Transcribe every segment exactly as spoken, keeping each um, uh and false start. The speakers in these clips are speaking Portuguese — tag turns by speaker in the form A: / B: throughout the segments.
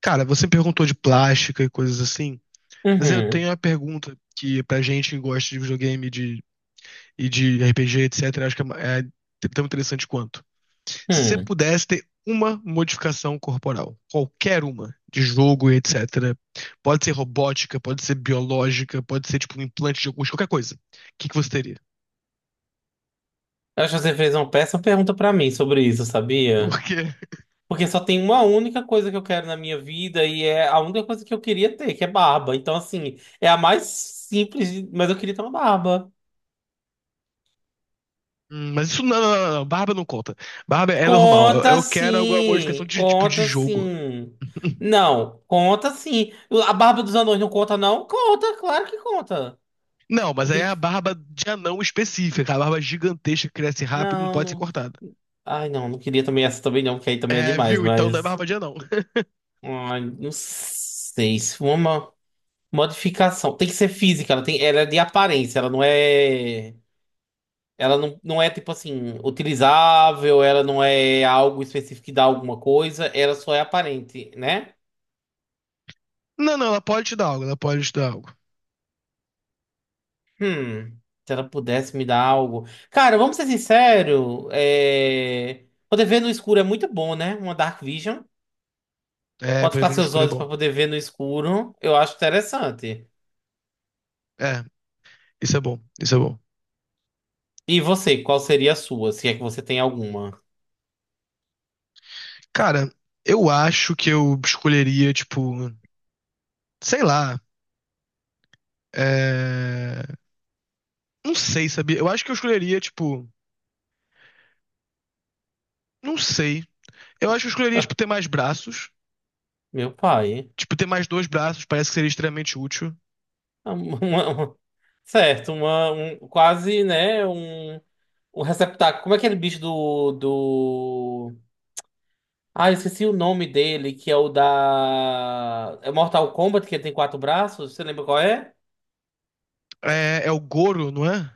A: Cara, você perguntou de plástica e coisas assim, mas eu
B: Uhum.
A: tenho uma pergunta que pra gente que gosta de videogame de, e de R P G, etcétera, acho que é, é é tão interessante quanto. Se você
B: Hum.
A: pudesse ter uma modificação corporal, qualquer uma, de jogo e etcétera, pode ser robótica, pode ser biológica, pode ser tipo um implante de alguns, qualquer coisa, o que que você teria?
B: Eu acho que você fez uma péssima pergunta pra mim sobre isso, sabia?
A: Porque,
B: Porque só tem uma única coisa que eu quero na minha vida e é a única coisa que eu queria ter, que é barba. Então, assim, é a mais simples, de- mas eu queria ter uma barba.
A: hum, mas isso não, não, não, não, barba não conta. Barba é normal, eu,
B: Conta
A: eu quero alguma modificação
B: sim,
A: de tipo de
B: conta
A: jogo.
B: sim. Não, conta sim. A barba dos anões não conta, não? Conta, claro que conta.
A: Não, mas
B: Não
A: aí é
B: queria...
A: a barba de anão específica, a barba gigantesca que cresce rápido e não
B: Não,
A: pode ser
B: não.
A: cortada.
B: Ai, não, não queria também essa também não, que aí também é
A: É,
B: demais,
A: viu? Então não é
B: mas.
A: barba de anão.
B: Ai, não sei se uma. Modificação. Tem que ser física, ela tem, ela é de aparência, ela não é. Ela não, não é tipo assim, utilizável, ela não é algo específico que dá alguma coisa, ela só é aparente, né?
A: Não, não, ela pode te dar algo, ela pode te dar algo.
B: Hum, se ela pudesse me dar algo. Cara, vamos ser sinceros, é... poder ver no escuro é muito bom, né? Uma Dark Vision.
A: É,
B: Pode
A: poder
B: ficar
A: ver no
B: seus
A: escuro é
B: olhos para
A: bom.
B: poder ver no escuro, eu acho interessante.
A: É, isso é bom, isso é bom.
B: E você, qual seria a sua, se é que você tem alguma?
A: Cara, eu acho que eu escolheria, tipo, sei lá, é... não sei, sabia? Eu acho que eu escolheria, tipo, não sei. Eu acho que eu escolheria, tipo, ter mais braços.
B: Meu pai.
A: Tipo, ter mais dois braços parece que seria extremamente útil.
B: Uma- uma- certo, uma, um, quase, né, um, um receptáculo. Como é aquele bicho do, do... Ah, eu esqueci o nome dele, que é o da... É Mortal Kombat, que ele tem quatro braços? Você lembra qual é?
A: É, é o Goro, não é?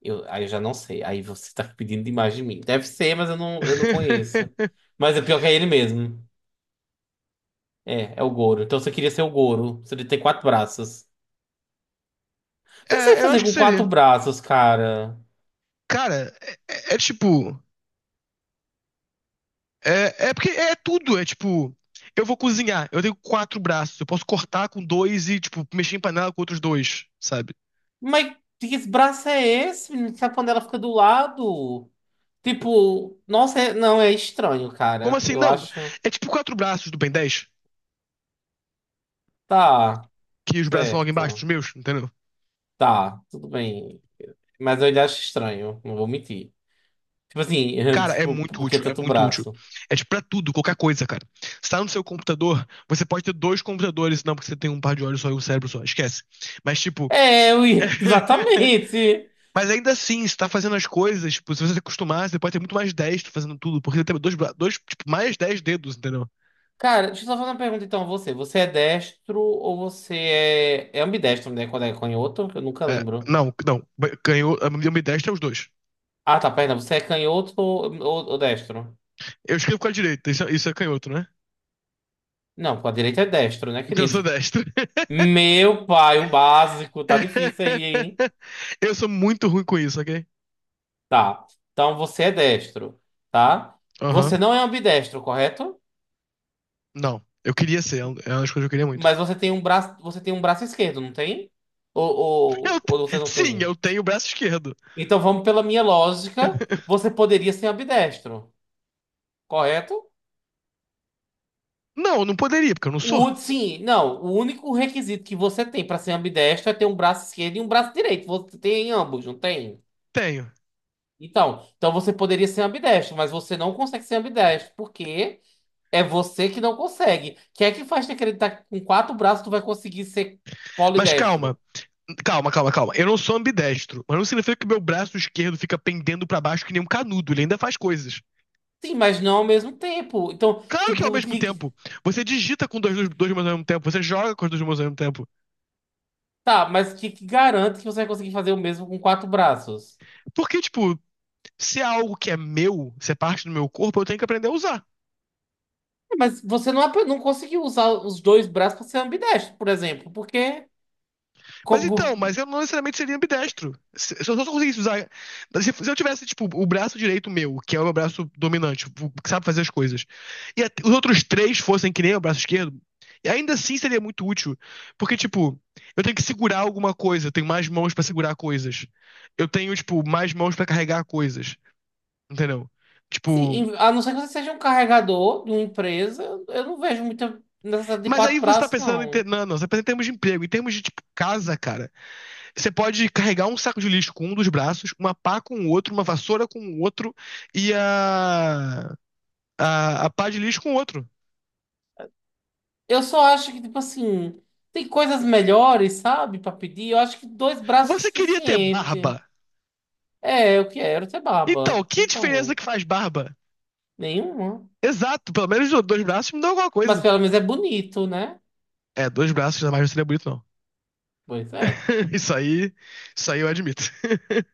B: Eu, aí eu já não sei. Aí você tá pedindo demais de mim. Deve ser, mas eu não, eu não conheço. Mas é pior que é ele mesmo. É, é o Goro. Então você queria ser o Goro. Você tem quatro braços. O que que você ia
A: É, eu
B: fazer
A: acho que
B: com quatro
A: seria.
B: braços, cara?
A: Cara, é, é- é tipo. É, é porque é tudo. É tipo. Eu vou cozinhar, eu tenho quatro braços, eu posso cortar com dois e, tipo, mexer em panela com outros dois, sabe?
B: Mas que braço é esse, menino? Sabe quando ela fica do lado? Tipo, nossa, é- não, é estranho,
A: Como
B: cara.
A: assim?
B: Eu
A: Não.
B: acho.
A: É tipo quatro braços do Ben dez,
B: Tá,
A: que os braços são logo embaixo dos
B: certo.
A: meus, entendeu?
B: Tá, tudo bem. Mas eu ainda acho estranho, não vou mentir. Tipo assim,
A: Cara, é
B: tipo,
A: muito
B: por que
A: útil, é
B: tanto
A: muito útil.
B: braço?
A: É tipo pra tudo, qualquer coisa, cara. Você tá no seu computador, você pode ter dois computadores, não, porque você tem um par de olhos só e um cérebro só, esquece. Mas, tipo.
B: É, eu ia- exatamente.
A: Mas ainda assim, você tá fazendo as coisas, tipo, se você se acostumar, você pode ter muito mais destro fazendo tudo, porque você tem dois, bra- dois tipo, mais dez dedos, entendeu?
B: Cara, deixa eu só fazer uma pergunta então a você. Você é destro ou você é. É ambidestro, né? Quando é canhoto? Eu nunca
A: É,
B: lembro.
A: não, não, canhoto, a minha destra é os dois.
B: Ah, tá, perna. Você é canhoto ou, ou ou destro?
A: Eu escrevo com a direita, isso, é- isso é canhoto, né?
B: Não, com a direita é destro, né,
A: Então eu sou
B: querido?
A: destro.
B: Meu pai, o básico, tá difícil aí, hein?
A: Eu sou muito ruim com isso, ok?
B: Tá. Então você é destro, tá? Você
A: Aham.
B: não é ambidestro, correto?
A: Não, eu queria ser, é um, é uma das coisas que eu queria muito.
B: Mas você tem um braço, você tem um braço esquerdo, não tem? Ou,
A: Eu
B: ou,
A: te-
B: ou você não
A: sim, eu
B: tem?
A: tenho o braço esquerdo.
B: Então vamos pela minha lógica, você poderia ser ambidestro, correto?
A: Não, eu não poderia, porque eu não sou.
B: O, sim, não, o único requisito que você tem para ser ambidestro é ter um braço esquerdo e um braço direito. Você tem ambos, não tem?
A: Tenho.
B: Então, então você poderia ser ambidestro, mas você não consegue ser ambidestro, porque é você que não consegue. Quem é que faz te acreditar que com quatro braços tu vai conseguir ser
A: Mas calma,
B: polidestro?
A: calma, calma, calma. Eu não sou ambidestro, mas não significa que meu braço esquerdo fica pendendo pra baixo que nem um canudo. Ele ainda faz coisas.
B: Sim, mas não ao mesmo tempo. Então,
A: Claro que é ao
B: tipo,
A: mesmo
B: que,
A: tempo, você digita com dois, dois, dois mãos ao mesmo tempo, você joga com as duas mãos ao mesmo tempo.
B: tá, mas que, que garante que você vai conseguir fazer o mesmo com quatro braços?
A: Porque, tipo, se é algo que é meu, se é parte do meu corpo, eu tenho que aprender a usar.
B: É, mas você não, ap- não conseguiu usar os dois braços para ser ambidestro, por exemplo, porque
A: Mas então, mas
B: como,
A: eu não necessariamente seria ambidestro. Se, se eu só conseguisse usar. Se, se eu tivesse, tipo, o braço direito meu, que é o meu braço dominante, o que sabe fazer as coisas, e a- os outros três fossem que nem o braço esquerdo, e ainda assim seria muito útil. Porque, tipo, eu tenho que segurar alguma coisa, eu tenho mais mãos pra segurar coisas. Eu tenho, tipo, mais mãos pra carregar coisas. Entendeu?
B: sim,
A: Tipo.
B: em- a não ser que você seja um carregador de uma empresa, eu não vejo muita necessidade de
A: Mas aí
B: quatro
A: você tá
B: braços,
A: pensando em. Ter.
B: não.
A: Não, não, você tá pensando em termos de emprego, em termos de, tipo, casa, cara. Você pode carregar um saco de lixo com um dos braços, uma pá com o outro, uma vassoura com o outro e a, a, a pá de lixo com o outro.
B: Eu só acho que, tipo assim, tem coisas melhores, sabe, pra pedir. Eu acho que dois braços é
A: Você queria ter
B: suficiente.
A: barba?
B: É, eu quero ter
A: Então,
B: baba.
A: que diferença
B: Então,
A: que faz barba?
B: nenhuma.
A: Exato, pelo menos dois braços me dão alguma
B: Mas
A: coisa.
B: pelo menos é bonito, né?
A: É, dois braços jamais não seria bonito, não.
B: Pois é.
A: Isso aí, isso aí eu admito.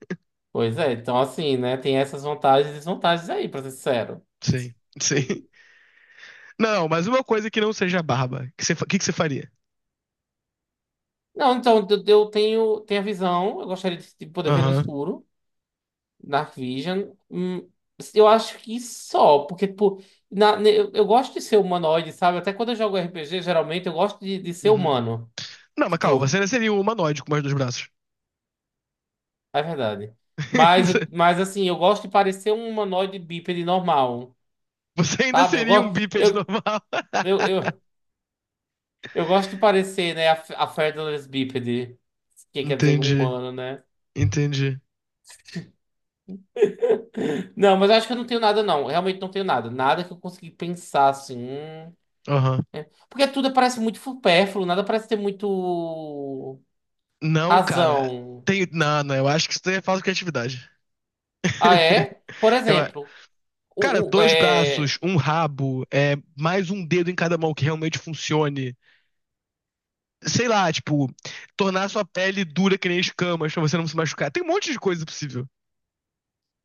B: Pois é. Então, assim, né, tem essas vantagens e desvantagens aí, pra ser sincero.
A: Sim, sim. Não, mas uma coisa que não seja barba, que você, fa- que, que você faria?
B: Não, então, eu eu tenho, tenho a visão. Eu gostaria de de poder ver no
A: Aham,
B: escuro. Dark Vision. Hum, eu acho que só, porque, tipo, na- ne- eu, eu gosto de ser humanoide, sabe? Até quando eu jogo R P G, geralmente eu gosto de, de ser
A: uhum.
B: humano.
A: Não, mas calma,
B: Tipo,
A: você seria um humanoide com mais dois braços.
B: é verdade. Mas, mas assim, eu gosto de parecer um humanoide bípede normal,
A: Você ainda
B: sabe? Eu
A: seria um
B: gosto,
A: bípede
B: eu,
A: normal.
B: eu, eu, eu gosto de parecer, né, a, a featherless bípede, que quer dizer um
A: Entendi,
B: humano, né?
A: entendi.
B: Não, mas eu acho que eu não tenho nada, não. Realmente não tenho nada. Nada que eu consegui pensar, assim. Hum,
A: Aham.
B: porque tudo parece muito supérfluo, nada parece ter muito
A: Não, cara.
B: razão.
A: Tem. Não, não, eu acho que isso daí é falta de criatividade.
B: Ah, é? Por
A: Eu.
B: exemplo,
A: Cara,
B: o, o-
A: dois braços,
B: é,
A: um rabo, é, mais um dedo em cada mão que realmente funcione. Sei lá, tipo, tornar sua pele dura que nem escamas pra você não se machucar. Tem um monte de coisa possível.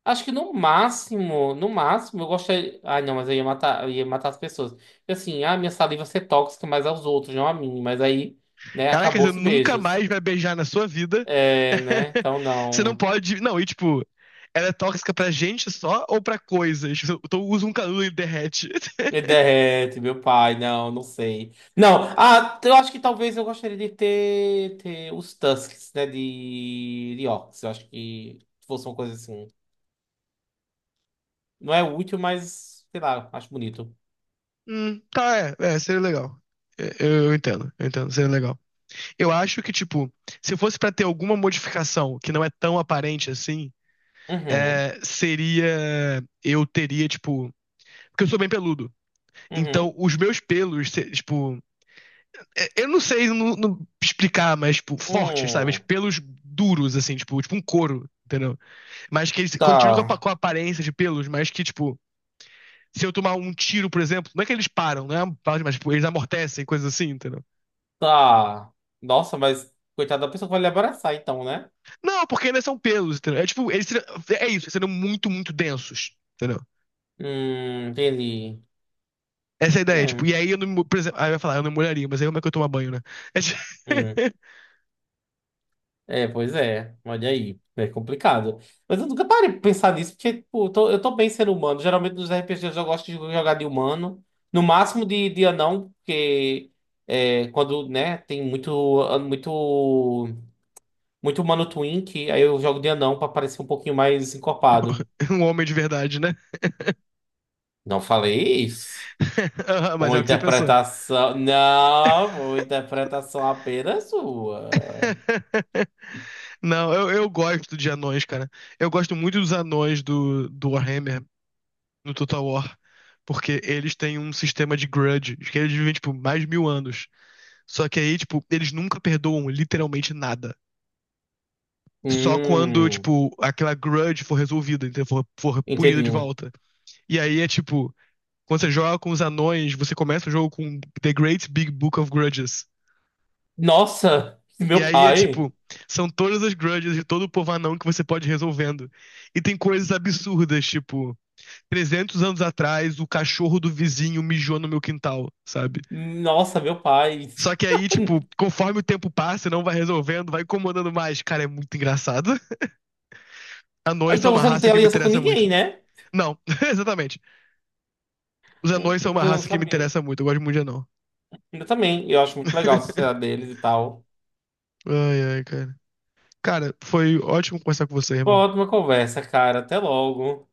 B: acho que no máximo, no máximo, eu gostaria. Ai, não, mas eu ia matar, eu ia matar as pessoas. Porque assim, ah, minha saliva ia ser tóxica mais aos outros, não a mim. Mas aí, né,
A: Caraca, você
B: acabou-se
A: nunca
B: beijos.
A: mais vai beijar na sua vida.
B: É, né? Então
A: Você não
B: não.
A: pode. Não, e tipo, ela é tóxica pra gente só ou pra coisas? Eu tô- uso um canudo e derrete.
B: Me derrete, meu pai. Não, não sei. Não, ah, eu acho que talvez eu gostaria de ter, ter os Tusks, né? De, de Orcs. Eu acho que fosse uma coisa assim. Não é útil, mas sei lá, acho bonito.
A: Hum, tá, é, é, seria legal. É, Eu, eu entendo, eu entendo, seria legal. Eu acho que, tipo, se fosse pra ter alguma modificação que não é tão aparente assim,
B: Uhum,
A: é, seria. Eu teria, tipo. Porque eu sou bem peludo. Então,
B: uhum.
A: os meus pelos, se- tipo. Eu não sei no- no explicar, mas, tipo, fortes, sabe?
B: Hum,
A: Tipo, pelos duros, assim, tipo, tipo um couro, entendeu? Mas que eles continuam com a,
B: tá,
A: com a aparência de pelos, mas que, tipo, se eu tomar um tiro, por exemplo, não é que eles param, né? Mas, tipo, eles amortecem, coisas assim, entendeu?
B: tá. Nossa, mas coitada da pessoa que vai lhe abraçar, então, né?
A: Não, porque ainda são pelos, entendeu? É tipo, eles serão- é isso, eles serão muito, muito densos, entendeu?
B: Hum, entendi.
A: Essa é a ideia, tipo,
B: Hum,
A: e aí eu não, por exemplo, aí eu ia falar, eu não molharia, mas aí como é que eu tomo banho, né? É tipo,
B: hum. É, pois é. Olha aí. É complicado. Mas eu nunca parei pra pensar nisso, porque tipo, eu tô, eu tô bem ser humano. Geralmente nos R P Gs eu gosto de jogar de humano. No máximo de, de anão, porque é, quando, né, tem muito, muito, muito humano twink, aí eu jogo de anão pra parecer um pouquinho mais encorpado.
A: um homem de verdade, né?
B: Não falei isso.
A: Aham. Mas
B: Uma
A: é o que você pensou.
B: interpretação. Não, uma interpretação apenas sua.
A: Não, eu, eu gosto de anões, cara. Eu gosto muito dos anões do, do Warhammer no Total War, porque eles têm um sistema de grudge, que eles vivem, tipo, mais de mil anos. Só que aí, tipo, eles nunca perdoam literalmente nada. Só quando,
B: Hum,
A: tipo, aquela grudge for resolvida, então for, for punida de
B: entendi.
A: volta. E aí é tipo, quando você joga com os anões, você começa o jogo com The Great Big Book of Grudges.
B: Nossa,
A: E
B: meu
A: aí é
B: pai.
A: tipo, são todas as grudges de todo o povo anão que você pode ir resolvendo. E tem coisas absurdas, tipo, trezentos anos atrás, o cachorro do vizinho mijou no meu quintal, sabe?
B: Nossa, meu pai.
A: Só que aí, tipo, conforme o tempo passa, não vai resolvendo, vai incomodando mais. Cara, é muito engraçado.
B: Ah,
A: Anões são
B: então
A: uma
B: você não
A: raça
B: tem
A: que me
B: aliança com
A: interessa
B: ninguém,
A: muito.
B: né?
A: Não, exatamente. Os
B: Hum,
A: anões são uma
B: nunca eu não
A: raça que me
B: sabia.
A: interessa muito. Eu gosto muito de anão.
B: Eu também. Eu acho muito legal a sociedade deles e tal.
A: Ai, ai, cara. Cara, foi ótimo conversar com você,
B: Foi uma
A: irmão.
B: ótima conversa, cara. Até logo.